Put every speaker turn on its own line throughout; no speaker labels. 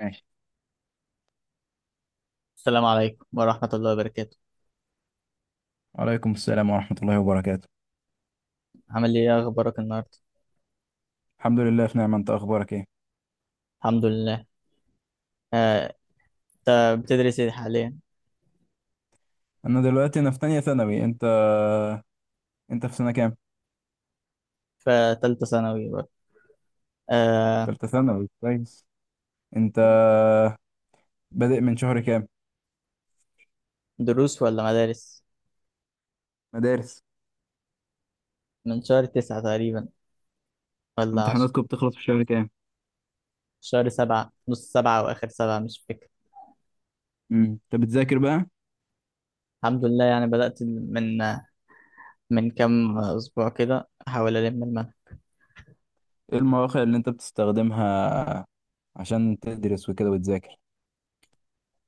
ماشي.
السلام عليكم ورحمة الله وبركاته.
وعليكم السلام ورحمة الله وبركاته.
عامل ايه؟ إيه اخبارك النهاردة؟
الحمد لله في نعمة، انت اخبارك ايه؟
الحمد لله. آه، انت بتدرس ايه حاليا؟
انا دلوقتي في تانية ثانوي. انت في سنة كام؟
فتالتة ثانوي برضه. آه،
تالتة ثانوي، كويس. انت بادئ من شهر كام؟
دروس ولا مدارس؟
مدارس.
من شهر 9 تقريبا، ولا 10.
امتحاناتكم بتخلص في شهر كام؟
شهر 7، نص 7 واخر 7، مش فاكر.
امم انت بتذاكر بقى؟
الحمد لله، يعني بدأت من كام اسبوع كده، احاول المنهج.
ايه المواقع اللي انت بتستخدمها عشان تدرس وكده وتذاكر؟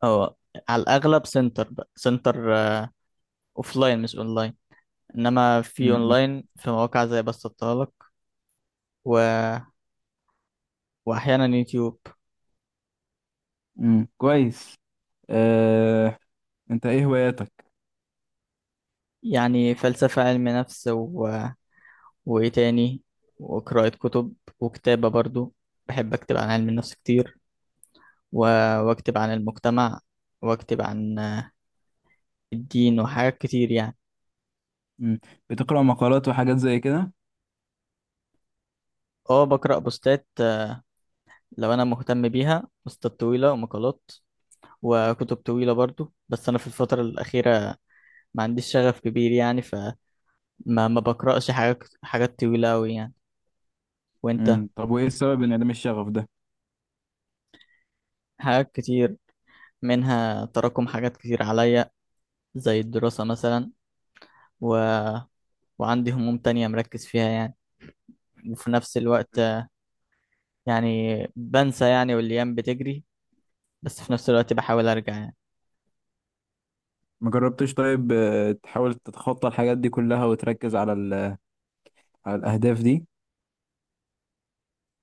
اه، على الاغلب سنتر، بقى سنتر اوفلاين مش اونلاين. انما في
امم
اونلاين، في مواقع زي بسطتهالك و... واحيانا يوتيوب.
كويس. اه... انت ايه هواياتك؟
يعني فلسفة، علم نفس وإيه تاني، وقراءة كتب، وكتابة برضو. بحب أكتب عن علم النفس كتير و... وأكتب عن المجتمع، وأكتب عن الدين وحاجات كتير يعني.
امم بتقرأ مقالات وحاجات زي كده؟
اه، بقرأ بوستات، لو أنا مهتم بيها، بوستات طويلة ومقالات، وكتب طويلة برضو. بس أنا في الفترة الأخيرة ما عنديش شغف كبير يعني، فما ما بقرأش حاجات طويلة أوي يعني. وأنت؟
طب وايه السبب ان عدم الشغف ده؟
حاجات كتير، منها تراكم حاجات كتير عليا، زي الدراسة مثلا، و... وعندي هموم تانية مركز فيها يعني، وفي نفس الوقت يعني بنسى يعني، والأيام بتجري، بس في نفس الوقت بحاول أرجع يعني.
ما جربتش طيب تحاول تتخطى الحاجات دي كلها وتركز على على الأهداف دي؟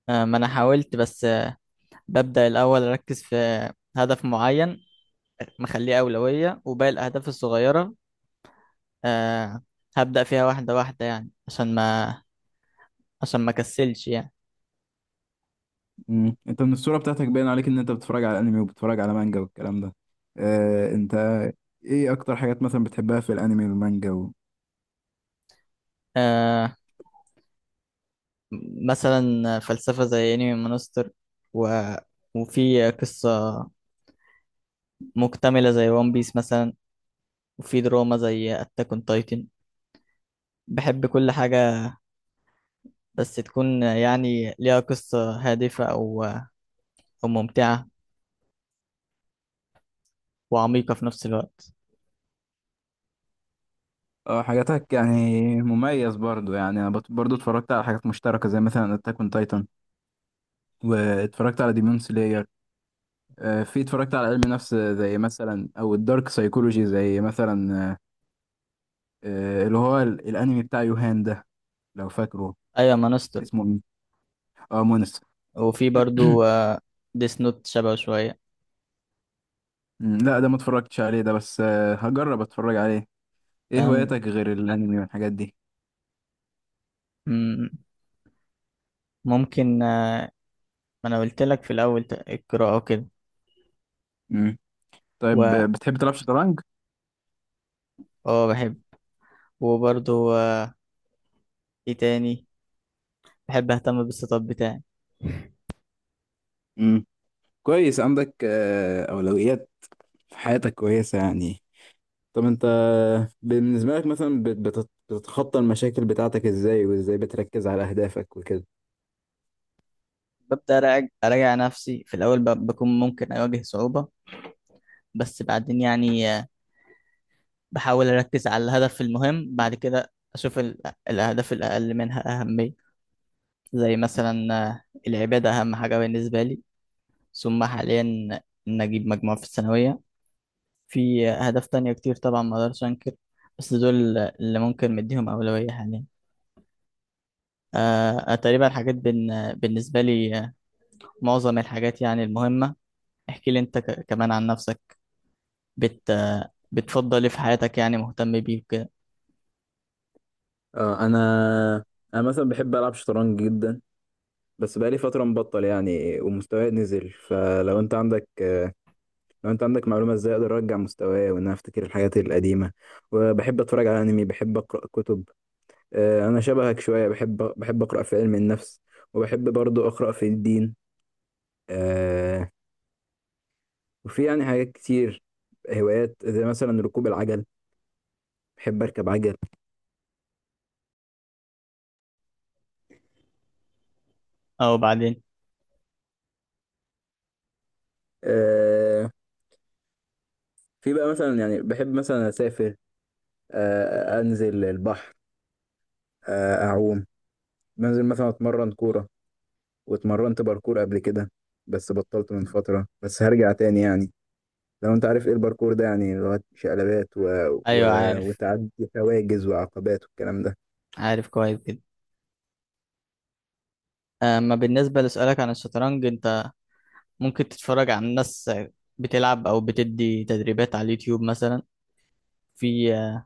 ما أنا حاولت، بس ببدأ الأول أركز في هدف معين، مخليه أولوية، وباقي الأهداف الصغيرة آه، هبدأ فيها واحدة واحدة، يعني عشان ما كسلش يعني.
انت من الصورة بتاعتك باين عليك ان انت بتتفرج على انمي وبتتفرج على مانجا والكلام ده. اه انت، ايه اكتر حاجات مثلا بتحبها في الانمي والمانجا و...
آه، مثلا فلسفة زي انمي مونستر، و... وفي قصة مكتملة زي ون بيس مثلا، وفي دراما زي اتاك اون تايتن. بحب كل حاجة، بس تكون يعني ليها قصة هادفة، أو ممتعة وعميقة في نفس الوقت.
اه، حاجاتك يعني مميز برضو. يعني انا برضو اتفرجت على حاجات مشتركة زي مثلا اتاك اون تايتان، واتفرجت على ديمون سلاير. في اتفرجت على علم نفس زي مثلا او الدارك سايكولوجي زي مثلا، اللي هو الانمي بتاع يوهان ده، لو فاكره.
أيوة، مانستر.
اسمه إيه؟ اه مونس.
وفي برضو ديس نوت شبه شوية.
لا ده ما اتفرجتش عليه ده، بس هجرب اتفرج عليه. ايه
تمام.
هواياتك غير الانمي والحاجات دي؟
مم، ممكن ما أنا قلت لك في الأول، القراءة وكده.
امم طيب
و
بتحب تلعب شطرنج؟
اه، بحب. وبرضو إيه تاني، بحب أهتم بالسيت اب بتاعي.
امم كويس، عندك اولويات في حياتك كويسه يعني. طب انت بالنسبه لك مثلا بتتخطى المشاكل بتاعتك ازاي، وازاي بتركز على اهدافك وكده؟
ببدأ أراجع نفسي في الأول، بكون ممكن أواجه صعوبة، بس بعدين يعني بحاول أركز على الهدف المهم، بعد كده أشوف الأهداف الأقل منها أهمية. زي مثلا العبادة أهم حاجة بالنسبة لي، ثم حاليا إن أجيب مجموع في الثانوية. في أهداف تانية كتير طبعا، ما أقدرش أنكر، بس دول اللي ممكن مديهم أولوية حاليا. تقريبا الحاجات بالنسبة لي، معظم الحاجات يعني المهمة. احكي لي أنت كمان عن نفسك. بت... آه، بتفضل إيه في حياتك يعني، مهتم بيه وكده؟
اه، انا مثلا بحب العب شطرنج جدا، بس بقالي فتره مبطل يعني، ومستواي نزل. فلو انت عندك لو انت عندك معلومه ازاي اقدر ارجع مستواي وان انا افتكر الحاجات القديمه. وبحب اتفرج على انمي، بحب اقرا كتب، انا شبهك شويه، بحب اقرا في علم النفس، وبحب برضو اقرا في الدين، آه، وفي يعني حاجات كتير، هوايات زي مثلا ركوب العجل، بحب اركب عجل.
أو بعدين.
آه، في بقى مثلا يعني بحب مثلا اسافر، انزل البحر، اعوم، بنزل مثلا اتمرن كوره، واتمرنت باركور قبل كده بس بطلت من فتره، بس هرجع تاني يعني. لو انت عارف ايه الباركور ده، يعني لغاية شقلبات و... و...
أيوه
وتعدي حواجز وعقبات والكلام ده.
عارف كويس جدا. اما بالنسبة لسؤالك عن الشطرنج، انت ممكن تتفرج على ناس بتلعب او بتدي تدريبات على اليوتيوب مثلا. في آه،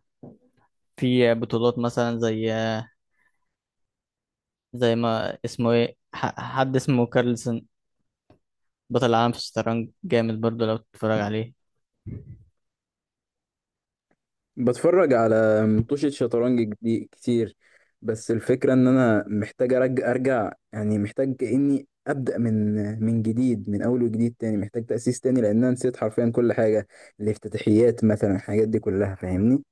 في بطولات مثلا، زي ما اسمه ايه، حد اسمه كارلسن، بطل العالم في الشطرنج. جامد برضو لو تتفرج عليه.
بتفرج على مطوشة شطرنج كتير، بس الفكرة ان انا محتاج ارجع ارجع، يعني محتاج اني ابدأ من من جديد، من اول وجديد تاني، محتاج تأسيس تاني لان انا نسيت حرفيا كل حاجة، الافتتاحيات مثلا، الحاجات دي كلها، فاهمني؟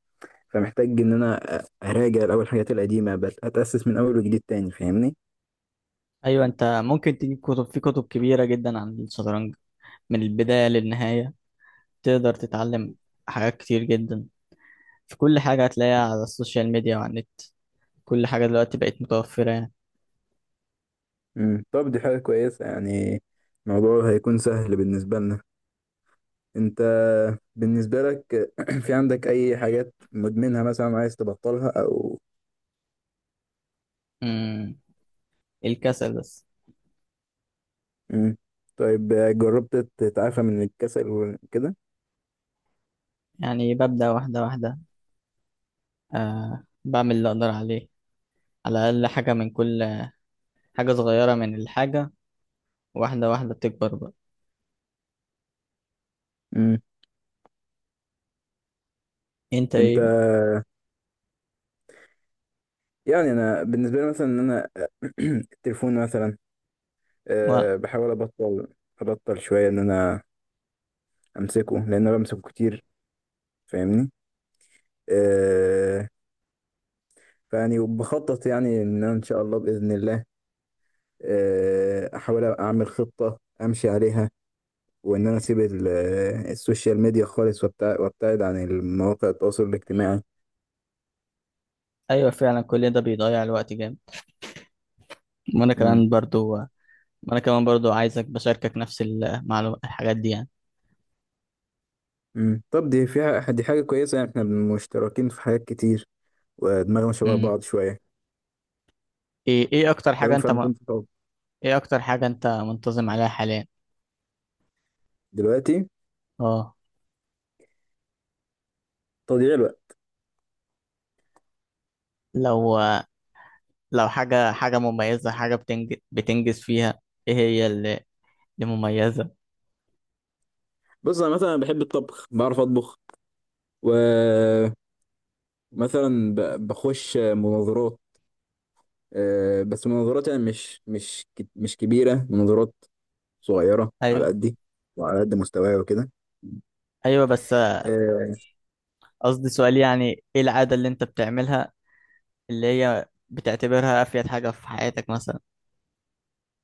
فمحتاج ان انا اراجع الاول الحاجات القديمة بس، اتأسس من اول وجديد تاني، فاهمني.
ايوه، انت ممكن تجيب كتب، في كتب كبيرة جدا عن الشطرنج، من البداية للنهاية تقدر تتعلم حاجات كتير جدا. في كل حاجة هتلاقيها على السوشيال ميديا وعلى النت. كل حاجة دلوقتي بقت متوفرة يعني.
طب دي حاجة كويسة يعني، الموضوع هيكون سهل بالنسبة لنا. انت بالنسبة لك في عندك اي حاجات مدمنها مثلا عايز تبطلها او...
امم الكسل بس.
مم. طيب جربت تتعافى من الكسل وكده؟
يعني ببدأ واحدة واحدة، أه بعمل اللي أقدر عليه، على الأقل حاجة من كل حاجة، صغيرة من الحاجة، واحدة واحدة بتكبر بقى.
مم.
أنت
انت
إيه بقى؟
يعني، انا بالنسبة لي مثلا، ان انا التليفون مثلا،
و...
أه بحاول ابطل، ابطل شوية ان انا امسكه، لان انا بمسكه كتير، فاهمني؟ أه، فيعني وبخطط يعني ان أنا ان شاء الله باذن الله احاول اعمل خطة امشي عليها، وان انا اسيب السوشيال ميديا خالص، وابتعد عن المواقع التواصل الاجتماعي.
أيوة فعلا، كل ده بيضيع الوقت جامد. وأنا
امم
كمان برضو. عايزك بشاركك نفس المعلومات، الحاجات دي يعني.
طب دي فيها، دي حاجة كويسة يعني، احنا مشتركين في حاجات كتير ودماغنا شبه
مم.
بعض شوية.
إيه إيه أكتر
لو
حاجة
ينفع
أنت م...
نكون في طب.
إيه أكتر حاجة أنت منتظم عليها حاليا؟
دلوقتي
أه.
تضييع الوقت.
لو لو حاجة مميزة، حاجة بتنجز فيها، إيه هي اللي مميزة؟
بص انا مثلا بحب الطبخ، بعرف اطبخ، ومثلا بخش مناظرات، بس مناظرات يعني مش كبيرة، مناظرات صغيرة على
أيوة،
قدي وعلى قد مستواي وكده.
أيوة، بس
آه
قصدي سؤال، يعني ايه العادة اللي انت بتعملها اللي هي بتعتبرها افيد حاجة في حياتك مثلا؟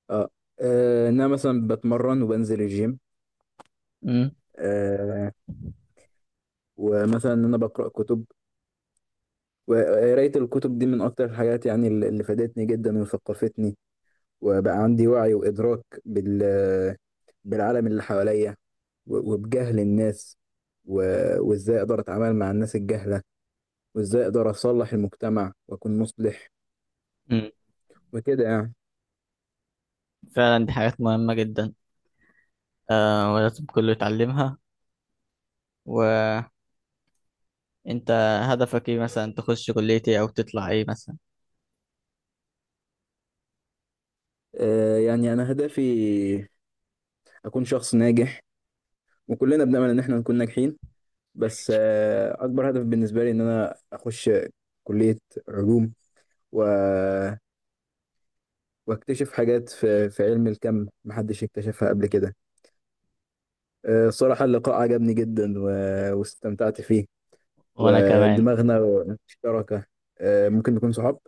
آه إن أنا مثلا بتمرن وبنزل الجيم،
امم
آه، ومثلا إن أنا بقرأ كتب، وقراية الكتب دي من أكتر الحاجات يعني اللي فادتني جدا وثقفتني، وبقى عندي وعي وإدراك بالعالم اللي حواليا، وبجهل الناس، وإزاي أقدر أتعامل مع الناس الجهلة، وإزاي أقدر أصلح المجتمع وأكون مصلح،
امم
وكده يعني.
فعلا، دي حاجات مهمة جدا، آه، ولازم كله يتعلمها. وانت هدفك ايه مثلا، تخش كلية ايه او تطلع ايه مثلا؟
آه، يعني أنا هدفي أكون شخص ناجح، وكلنا بنأمل إن إحنا نكون ناجحين، بس أكبر هدف بالنسبة لي إن أنا أخش كلية علوم و... واكتشف حاجات في... في علم الكم محدش اكتشفها قبل كده. الصراحة اللقاء عجبني جدا و... واستمتعت فيه،
وانا كمان
ودماغنا مشتركة، ممكن نكون صحاب.